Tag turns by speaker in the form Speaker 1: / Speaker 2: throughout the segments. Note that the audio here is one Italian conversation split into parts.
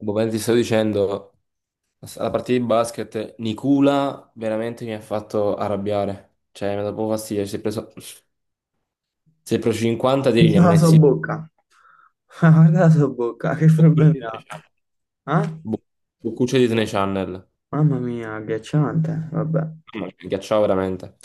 Speaker 1: Boh, mentre ti stavo dicendo, alla partita di basket, Nicula veramente mi ha fatto arrabbiare. Cioè, mi ha dato proprio fastidio. Si è preso 50 tiri, ne
Speaker 2: Pensa
Speaker 1: ha
Speaker 2: alla sua
Speaker 1: messi
Speaker 2: bocca. Guarda la sua bocca, che
Speaker 1: boccucci
Speaker 2: problemi
Speaker 1: di Disney
Speaker 2: ha?
Speaker 1: Channel.
Speaker 2: Ah?
Speaker 1: Bo- Boccucci di Disney Channel.
Speaker 2: Mamma mia, agghiacciante. Vabbè, è
Speaker 1: Mamma mia, mi ghiacciava veramente.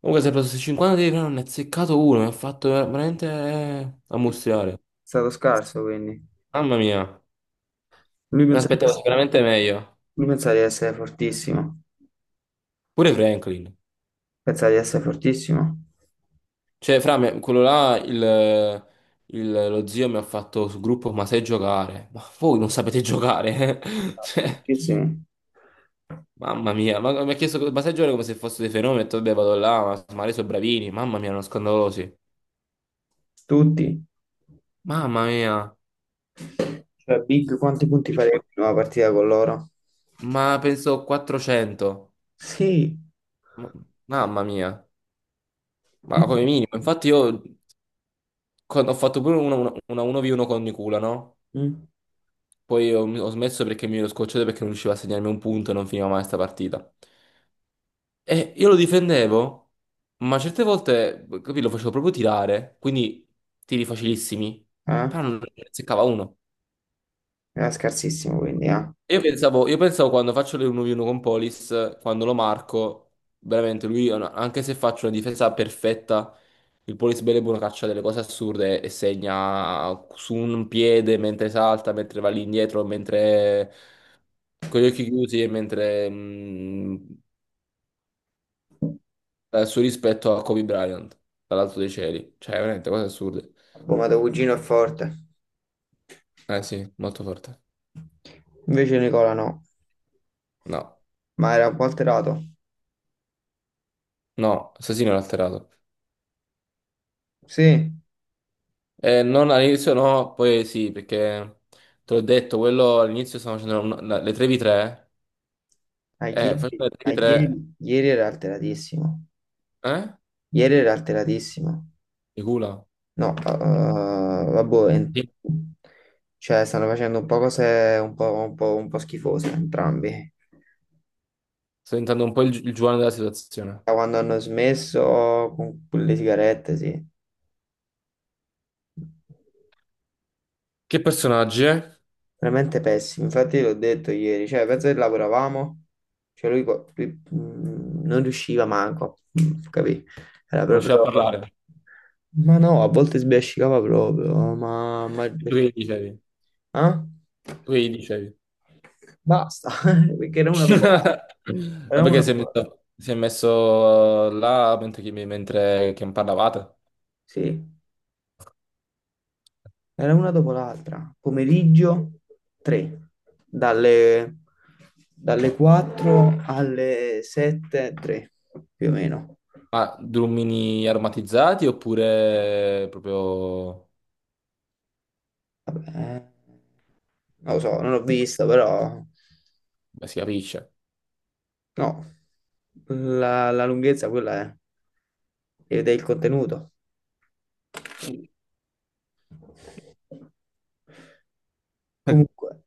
Speaker 1: Comunque si è preso questi 50 tiri, però non ne ha seccato uno, mi ha fatto veramente ammustriare.
Speaker 2: stato scarso quindi.
Speaker 1: Mamma mia,
Speaker 2: Lui
Speaker 1: mi
Speaker 2: pensa,
Speaker 1: aspettavo sicuramente meglio.
Speaker 2: lui pensa di essere fortissimo.
Speaker 1: Pure Franklin.
Speaker 2: Pensa di essere fortissimo.
Speaker 1: Cioè, fra me, quello là, lo zio mi ha fatto sul gruppo, ma sai giocare? Ma voi non sapete giocare? eh? Cioè,
Speaker 2: Fortissimi.
Speaker 1: mamma mia, ma, mi ha chiesto, ma sai giocare come se fosse dei fenomeni? Ho detto, vabbè, vado là, ma lei sono bravini, mamma mia, erano scandalosi.
Speaker 2: Tutti.
Speaker 1: Mamma mia,
Speaker 2: Cioè, Big, quanti punti farebbe in una partita con loro?
Speaker 1: ma penso 400.
Speaker 2: Sì.
Speaker 1: Ma- mamma mia, ma
Speaker 2: Io-
Speaker 1: come minimo. Infatti io quando ho fatto pure una 1v1 con Nicula, no?
Speaker 2: Mm.
Speaker 1: Poi ho smesso perché mi ero scocciato perché non riusciva a segnarmi un punto e non finiva mai sta partita. E io lo difendevo, ma certe volte, capì, lo facevo proprio tirare, quindi tiri facilissimi,
Speaker 2: Eh?
Speaker 1: però non ne seccava uno.
Speaker 2: Era scarsissimo quindi, eh. Ha
Speaker 1: Io pensavo quando faccio le 1v1 con Polis, quando lo marco, veramente lui, anche se faccio una difesa perfetta, il Polis bene e buono caccia delle cose assurde e segna su un piede mentre salta, mentre va lì indietro, mentre con gli occhi chiusi e mentre dal suo rispetto a Kobe Bryant, dall'alto dei cieli. Cioè, veramente cose assurde.
Speaker 2: bombato cugino è forte.
Speaker 1: Eh sì, molto forte.
Speaker 2: Invece Nicola no.
Speaker 1: No,
Speaker 2: Ma era un po' alterato.
Speaker 1: no, assassino l'ha alterato.
Speaker 2: Sì.
Speaker 1: Non all'inizio no, poi sì, perché te l'ho detto, quello all'inizio stavo facendo le 3v3,
Speaker 2: Ah, ieri,
Speaker 1: facendo le
Speaker 2: ah, ieri
Speaker 1: 3v3,
Speaker 2: ieri era alteratissimo.
Speaker 1: eh?
Speaker 2: Ieri era alteratissimo.
Speaker 1: Di culo.
Speaker 2: No, vabbè, en-
Speaker 1: Sì.
Speaker 2: cioè stanno facendo un po' cose un po' schifose entrambi.
Speaker 1: Sto diventando un po' il Giovanni della situazione.
Speaker 2: Da quando hanno smesso con le sigarette, sì.
Speaker 1: Che personaggi, eh?
Speaker 2: Veramente pessimo. Infatti l'ho detto ieri, cioè penso che lavoravamo, cioè lui, qua- lui, non riusciva manco, capì? Era
Speaker 1: Non c'è da
Speaker 2: proprio...
Speaker 1: parlare.
Speaker 2: Ma no, a volte sbiascicava proprio, ma
Speaker 1: Tu che
Speaker 2: perché?
Speaker 1: gli
Speaker 2: Sì.
Speaker 1: dicevi?
Speaker 2: Ah?
Speaker 1: Tu che gli dicevi?
Speaker 2: Basta, perché era una dopo l'altra.
Speaker 1: Ma
Speaker 2: Era una
Speaker 1: perché
Speaker 2: dopo l'altra.
Speaker 1: si è messo là mentre, mentre che parlavate?
Speaker 2: Sì, era una dopo l'altra. Pomeriggio 3, dalle, dalle 4 alle 7, 3, più o meno.
Speaker 1: Ma drummini aromatizzati oppure proprio...
Speaker 2: Vabbè, non lo so, non l'ho vista, però
Speaker 1: Beh, si capisce.
Speaker 2: no, la lunghezza quella è, ed è il contenuto. Comunque.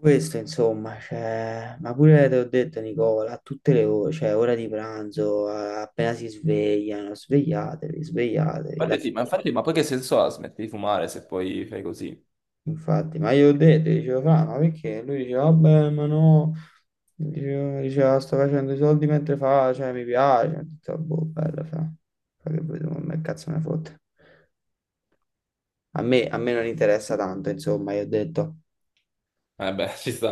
Speaker 2: Questo insomma, cioè, ma pure te l'ho detto Nicola, a tutte le ore, cioè ora di pranzo, a- appena si svegliano, svegliatevi, la
Speaker 1: Infatti sì, ma
Speaker 2: sera.
Speaker 1: infatti, ma poi che senso ha? Smetti di fumare se poi fai così?
Speaker 2: Infatti, ma io ho detto, io dicevo, "Fra, ma perché?" Lui diceva, vabbè, ma no, Dicevo- diceva, sto facendo i soldi mentre fa, cioè mi piace, ho detto, boh, bella, fa, fa che vedo, ma che cazzo me ne fotte. A me non interessa tanto, insomma, io ho detto,
Speaker 1: Eh beh, ci sta.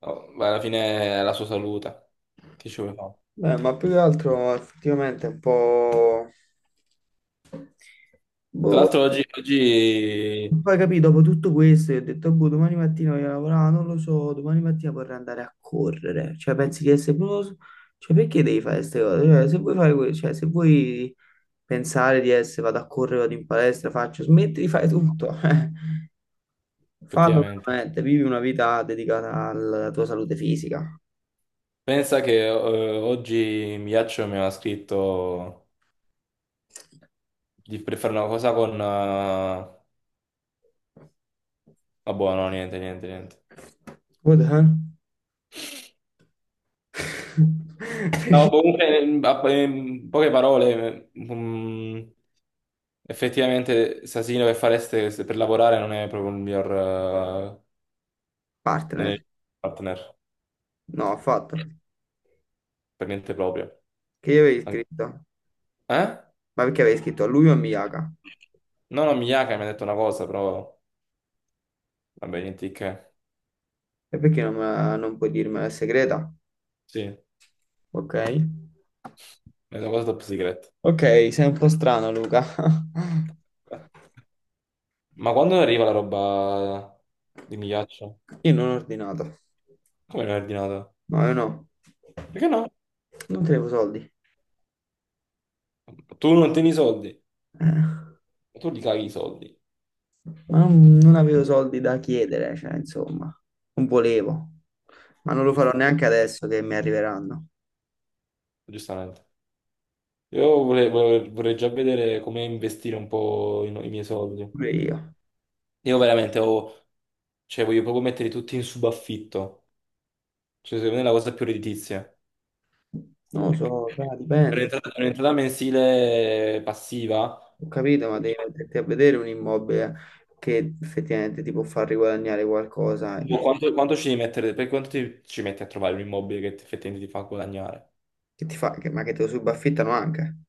Speaker 1: Oh, ma alla fine è la sua salute. Che ci vuole fare?
Speaker 2: Beh, ma più che altro effettivamente è un po'...
Speaker 1: Tra
Speaker 2: Boh,
Speaker 1: l'altro oggi, oggi...
Speaker 2: poi capì, dopo tutto questo, io ho detto, boh, domani mattina voglio lavorare, non lo so, domani mattina vorrei andare a correre. Cioè, pensi di essere proprio... Cioè, perché devi fare queste cose? Cioè, se vuoi fare que- cioè, se vuoi pensare di essere, vado a correre, vado in palestra, faccio, smetti di fare tutto. Eh. Fallo
Speaker 1: Effettivamente.
Speaker 2: veramente, vivi una vita dedicata alla tua salute fisica.
Speaker 1: Pensa che oggi Miaccio mi aveva scritto... Di per fare una cosa con... vabbè, no, niente, niente, niente.
Speaker 2: What the hell?
Speaker 1: No,
Speaker 2: Perché
Speaker 1: comunque, in poche parole, mm, effettivamente Sasino che fareste per lavorare non è proprio il miglior non è
Speaker 2: partner?
Speaker 1: il partner,
Speaker 2: No, ho fatto.
Speaker 1: per niente proprio.
Speaker 2: Che io avevi scritto?
Speaker 1: Eh?
Speaker 2: Ma perché avevi scritto a lui o a Miyaka?
Speaker 1: No, no, Miyake mi ha detto una cosa, però... Vabbè, niente di che.
Speaker 2: E perché non, me la- non puoi dirmela è segreta?
Speaker 1: Sì, è
Speaker 2: Ok.
Speaker 1: una cosa top secret.
Speaker 2: Ok, sei un po' strano, Luca.
Speaker 1: Ma quando arriva la roba di Migliaccio?
Speaker 2: Io non ho ordinato.
Speaker 1: Come l'hai ordinato?
Speaker 2: No, io no.
Speaker 1: Perché no?
Speaker 2: Non tenevo soldi.
Speaker 1: Tu non tieni i soldi? E tu li cavi i soldi,
Speaker 2: Ma non avevo soldi da chiedere, cioè, insomma. Non volevo. Ma non lo farò
Speaker 1: giusto?
Speaker 2: neanche adesso che mi arriveranno.
Speaker 1: Giustamente. Io vorrei già vedere come investire un po' i, no-, i miei soldi.
Speaker 2: Pure io.
Speaker 1: Io veramente ho, cioè, voglio proprio metterli tutti in subaffitto. Cioè, secondo me è la cosa più redditizia.
Speaker 2: Non lo
Speaker 1: Perché
Speaker 2: so, dai, dipende.
Speaker 1: un'entrata mensile passiva.
Speaker 2: Ho capito, ma devi metterti a vedere un immobile che effettivamente ti può far riguadagnare qualcosa,
Speaker 1: Boh, quanto ci devi mettere? Per quanto ci metti a trovare un immobile che effettivamente ti fa guadagnare?
Speaker 2: che ti fa, che- ma che te lo subaffittano anche.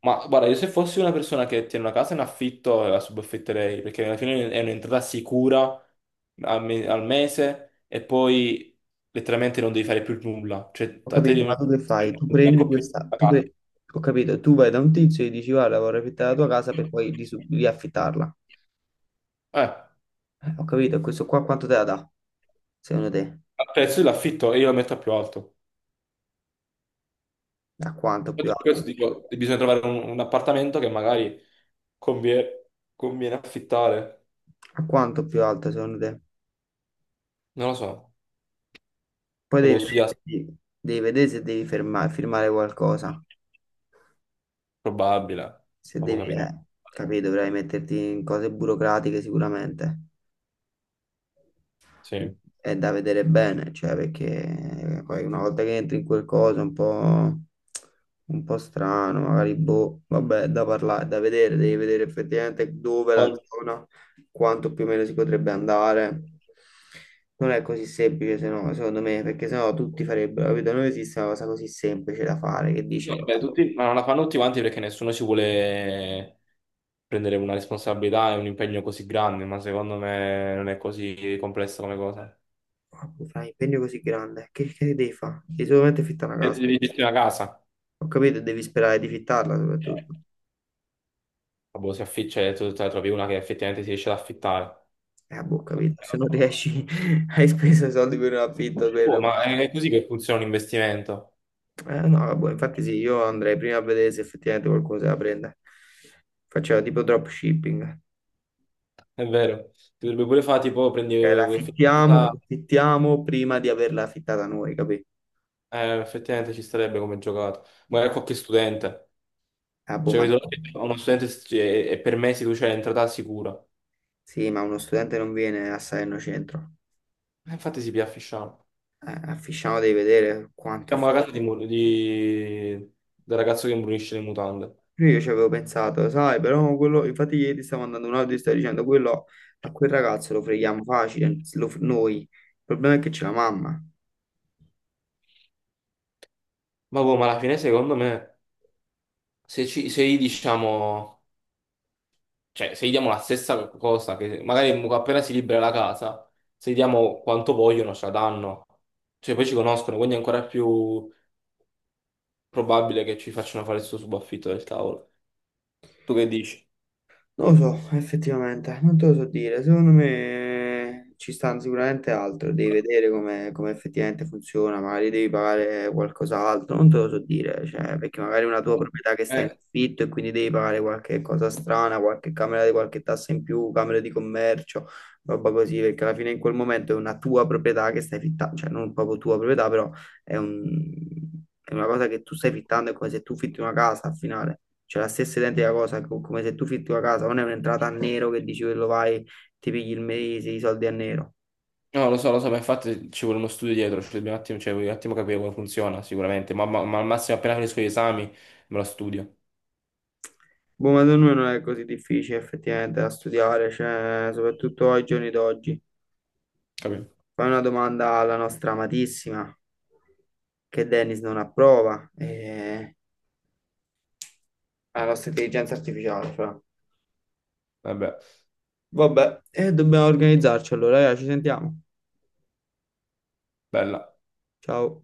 Speaker 1: Ma guarda, io se fossi una persona che tiene una casa in affitto, la subaffitterei, perché alla fine è un'entrata sicura al mese e poi letteralmente non devi fare più nulla. Cioè,
Speaker 2: Ho
Speaker 1: a te
Speaker 2: capito, ma tu che fai? Tu
Speaker 1: non ti
Speaker 2: prendi
Speaker 1: manco più
Speaker 2: questa,
Speaker 1: la
Speaker 2: tu
Speaker 1: casa.
Speaker 2: pre- ho capito, tu vai da un tizio e gli dici guarda, vorrei affittare la tua casa per poi risu- riaffittarla.
Speaker 1: Al
Speaker 2: Ho capito, e questo qua quanto te la dà, secondo te?
Speaker 1: prezzo dell'affitto e io la metto a più alto.
Speaker 2: A quanto più
Speaker 1: Infatti per questo
Speaker 2: alto?
Speaker 1: dico, bisogna trovare un appartamento che magari convie- conviene, affittare.
Speaker 2: A quanto più alto, secondo te?
Speaker 1: Non lo so,
Speaker 2: Poi
Speaker 1: lo devo studiare,
Speaker 2: devi vedere se devi ferma- firmare qualcosa,
Speaker 1: probabile,
Speaker 2: se
Speaker 1: lo
Speaker 2: devi,
Speaker 1: capirà.
Speaker 2: capito, dovrai metterti in cose burocratiche sicuramente.
Speaker 1: Sì.
Speaker 2: È da vedere bene, cioè perché poi una volta che entri in quel coso è un po' strano, magari boh, vabbè, è da parlare, è da vedere, devi vedere effettivamente dove la zona, quanto più o meno si potrebbe andare. Non è così semplice, se no, secondo me, perché sennò tutti farebbero, capito? Non esiste una cosa così semplice da fare, che dici,
Speaker 1: Beh, ma non la fanno tutti quanti perché nessuno ci vuole prendere una responsabilità e un impegno così grande, ma secondo me non è così complessa come cosa.
Speaker 2: "Ah, fai un impegno così grande, che devi fare? Devi solamente fittare una
Speaker 1: E
Speaker 2: casa."
Speaker 1: devi gestire una casa.
Speaker 2: Ho capito, devi sperare di fittarla soprattutto.
Speaker 1: Boh, si afficcia e tu te ne trovi una che effettivamente si riesce ad affittare.
Speaker 2: Boh, capito, se non riesci, hai speso i soldi per un affitto, per
Speaker 1: Boh, ma
Speaker 2: un-
Speaker 1: è così che funziona un investimento,
Speaker 2: No, boh, infatti sì, io andrei prima a vedere se effettivamente qualcuno se la prende. Facciamo tipo dropshipping.
Speaker 1: è vero. Ti dovrebbe pure fare tipo prendi vuoi affittare una
Speaker 2: La
Speaker 1: casa,
Speaker 2: affittiamo prima di averla affittata noi, capito?
Speaker 1: effettivamente ci starebbe come giocato. Magari qualche studente.
Speaker 2: Ah, boh,
Speaker 1: Cioè,
Speaker 2: ma... no.
Speaker 1: vedo uno studente e per me si tu c'è l'entrata sicura.
Speaker 2: Sì, ma uno studente non viene a Salerno Centro.
Speaker 1: E infatti si piaffisciamo.
Speaker 2: A Fisciano devi vedere quanto è...
Speaker 1: Siamo la casa di, del ragazzo che imbrunisce le mutande.
Speaker 2: Pure io ci avevo pensato, sai, però quello, infatti ieri stavo mandando un audio e stavo dicendo quello a quel ragazzo lo freghiamo facile, lo- noi. Il problema è che c'è la mamma.
Speaker 1: Ma boh, ma alla fine secondo me, se gli diciamo, cioè se gli diamo la stessa cosa, che magari appena si libera la casa, se gli diamo quanto vogliono, ce la danno. Cioè poi ci conoscono, quindi è ancora più probabile che ci facciano fare il suo subaffitto del cavolo. Tu che dici?
Speaker 2: Non lo so, effettivamente, non te lo so dire. Secondo me ci stanno sicuramente altro, devi vedere come, come effettivamente funziona, magari devi pagare qualcos'altro, non te lo so dire, cioè, perché magari è una tua proprietà che sta in
Speaker 1: Eh,
Speaker 2: affitto e quindi devi pagare qualche cosa strana, qualche camera di qualche tassa in più, camera di commercio, roba così, perché alla fine in quel momento è una tua proprietà che stai fittando, cioè non proprio tua proprietà, però è un- è una cosa che tu stai fittando, è come se tu fitti una casa al finale. C'è la stessa identica cosa, co- come se tu fitti la casa, non è un'entrata a nero che dici quello vai, ti pigli il mese, i soldi a nero.
Speaker 1: No, lo so, ma infatti ci vuole uno studio dietro, ci dobbiamo un attimo, cioè, voglio un attimo capire come funziona, sicuramente, ma al massimo appena finisco gli esami me lo studio,
Speaker 2: Boh, ma secondo me non è così difficile effettivamente da studiare, cioè, soprattutto ai giorni d'oggi.
Speaker 1: capito?
Speaker 2: Fai una domanda alla nostra amatissima, che Dennis non approva, e alla nostra intelligenza artificiale, fra.
Speaker 1: Vabbè,
Speaker 2: Vabbè, e dobbiamo organizzarci allora, raga, ci sentiamo.
Speaker 1: bella.
Speaker 2: Ciao.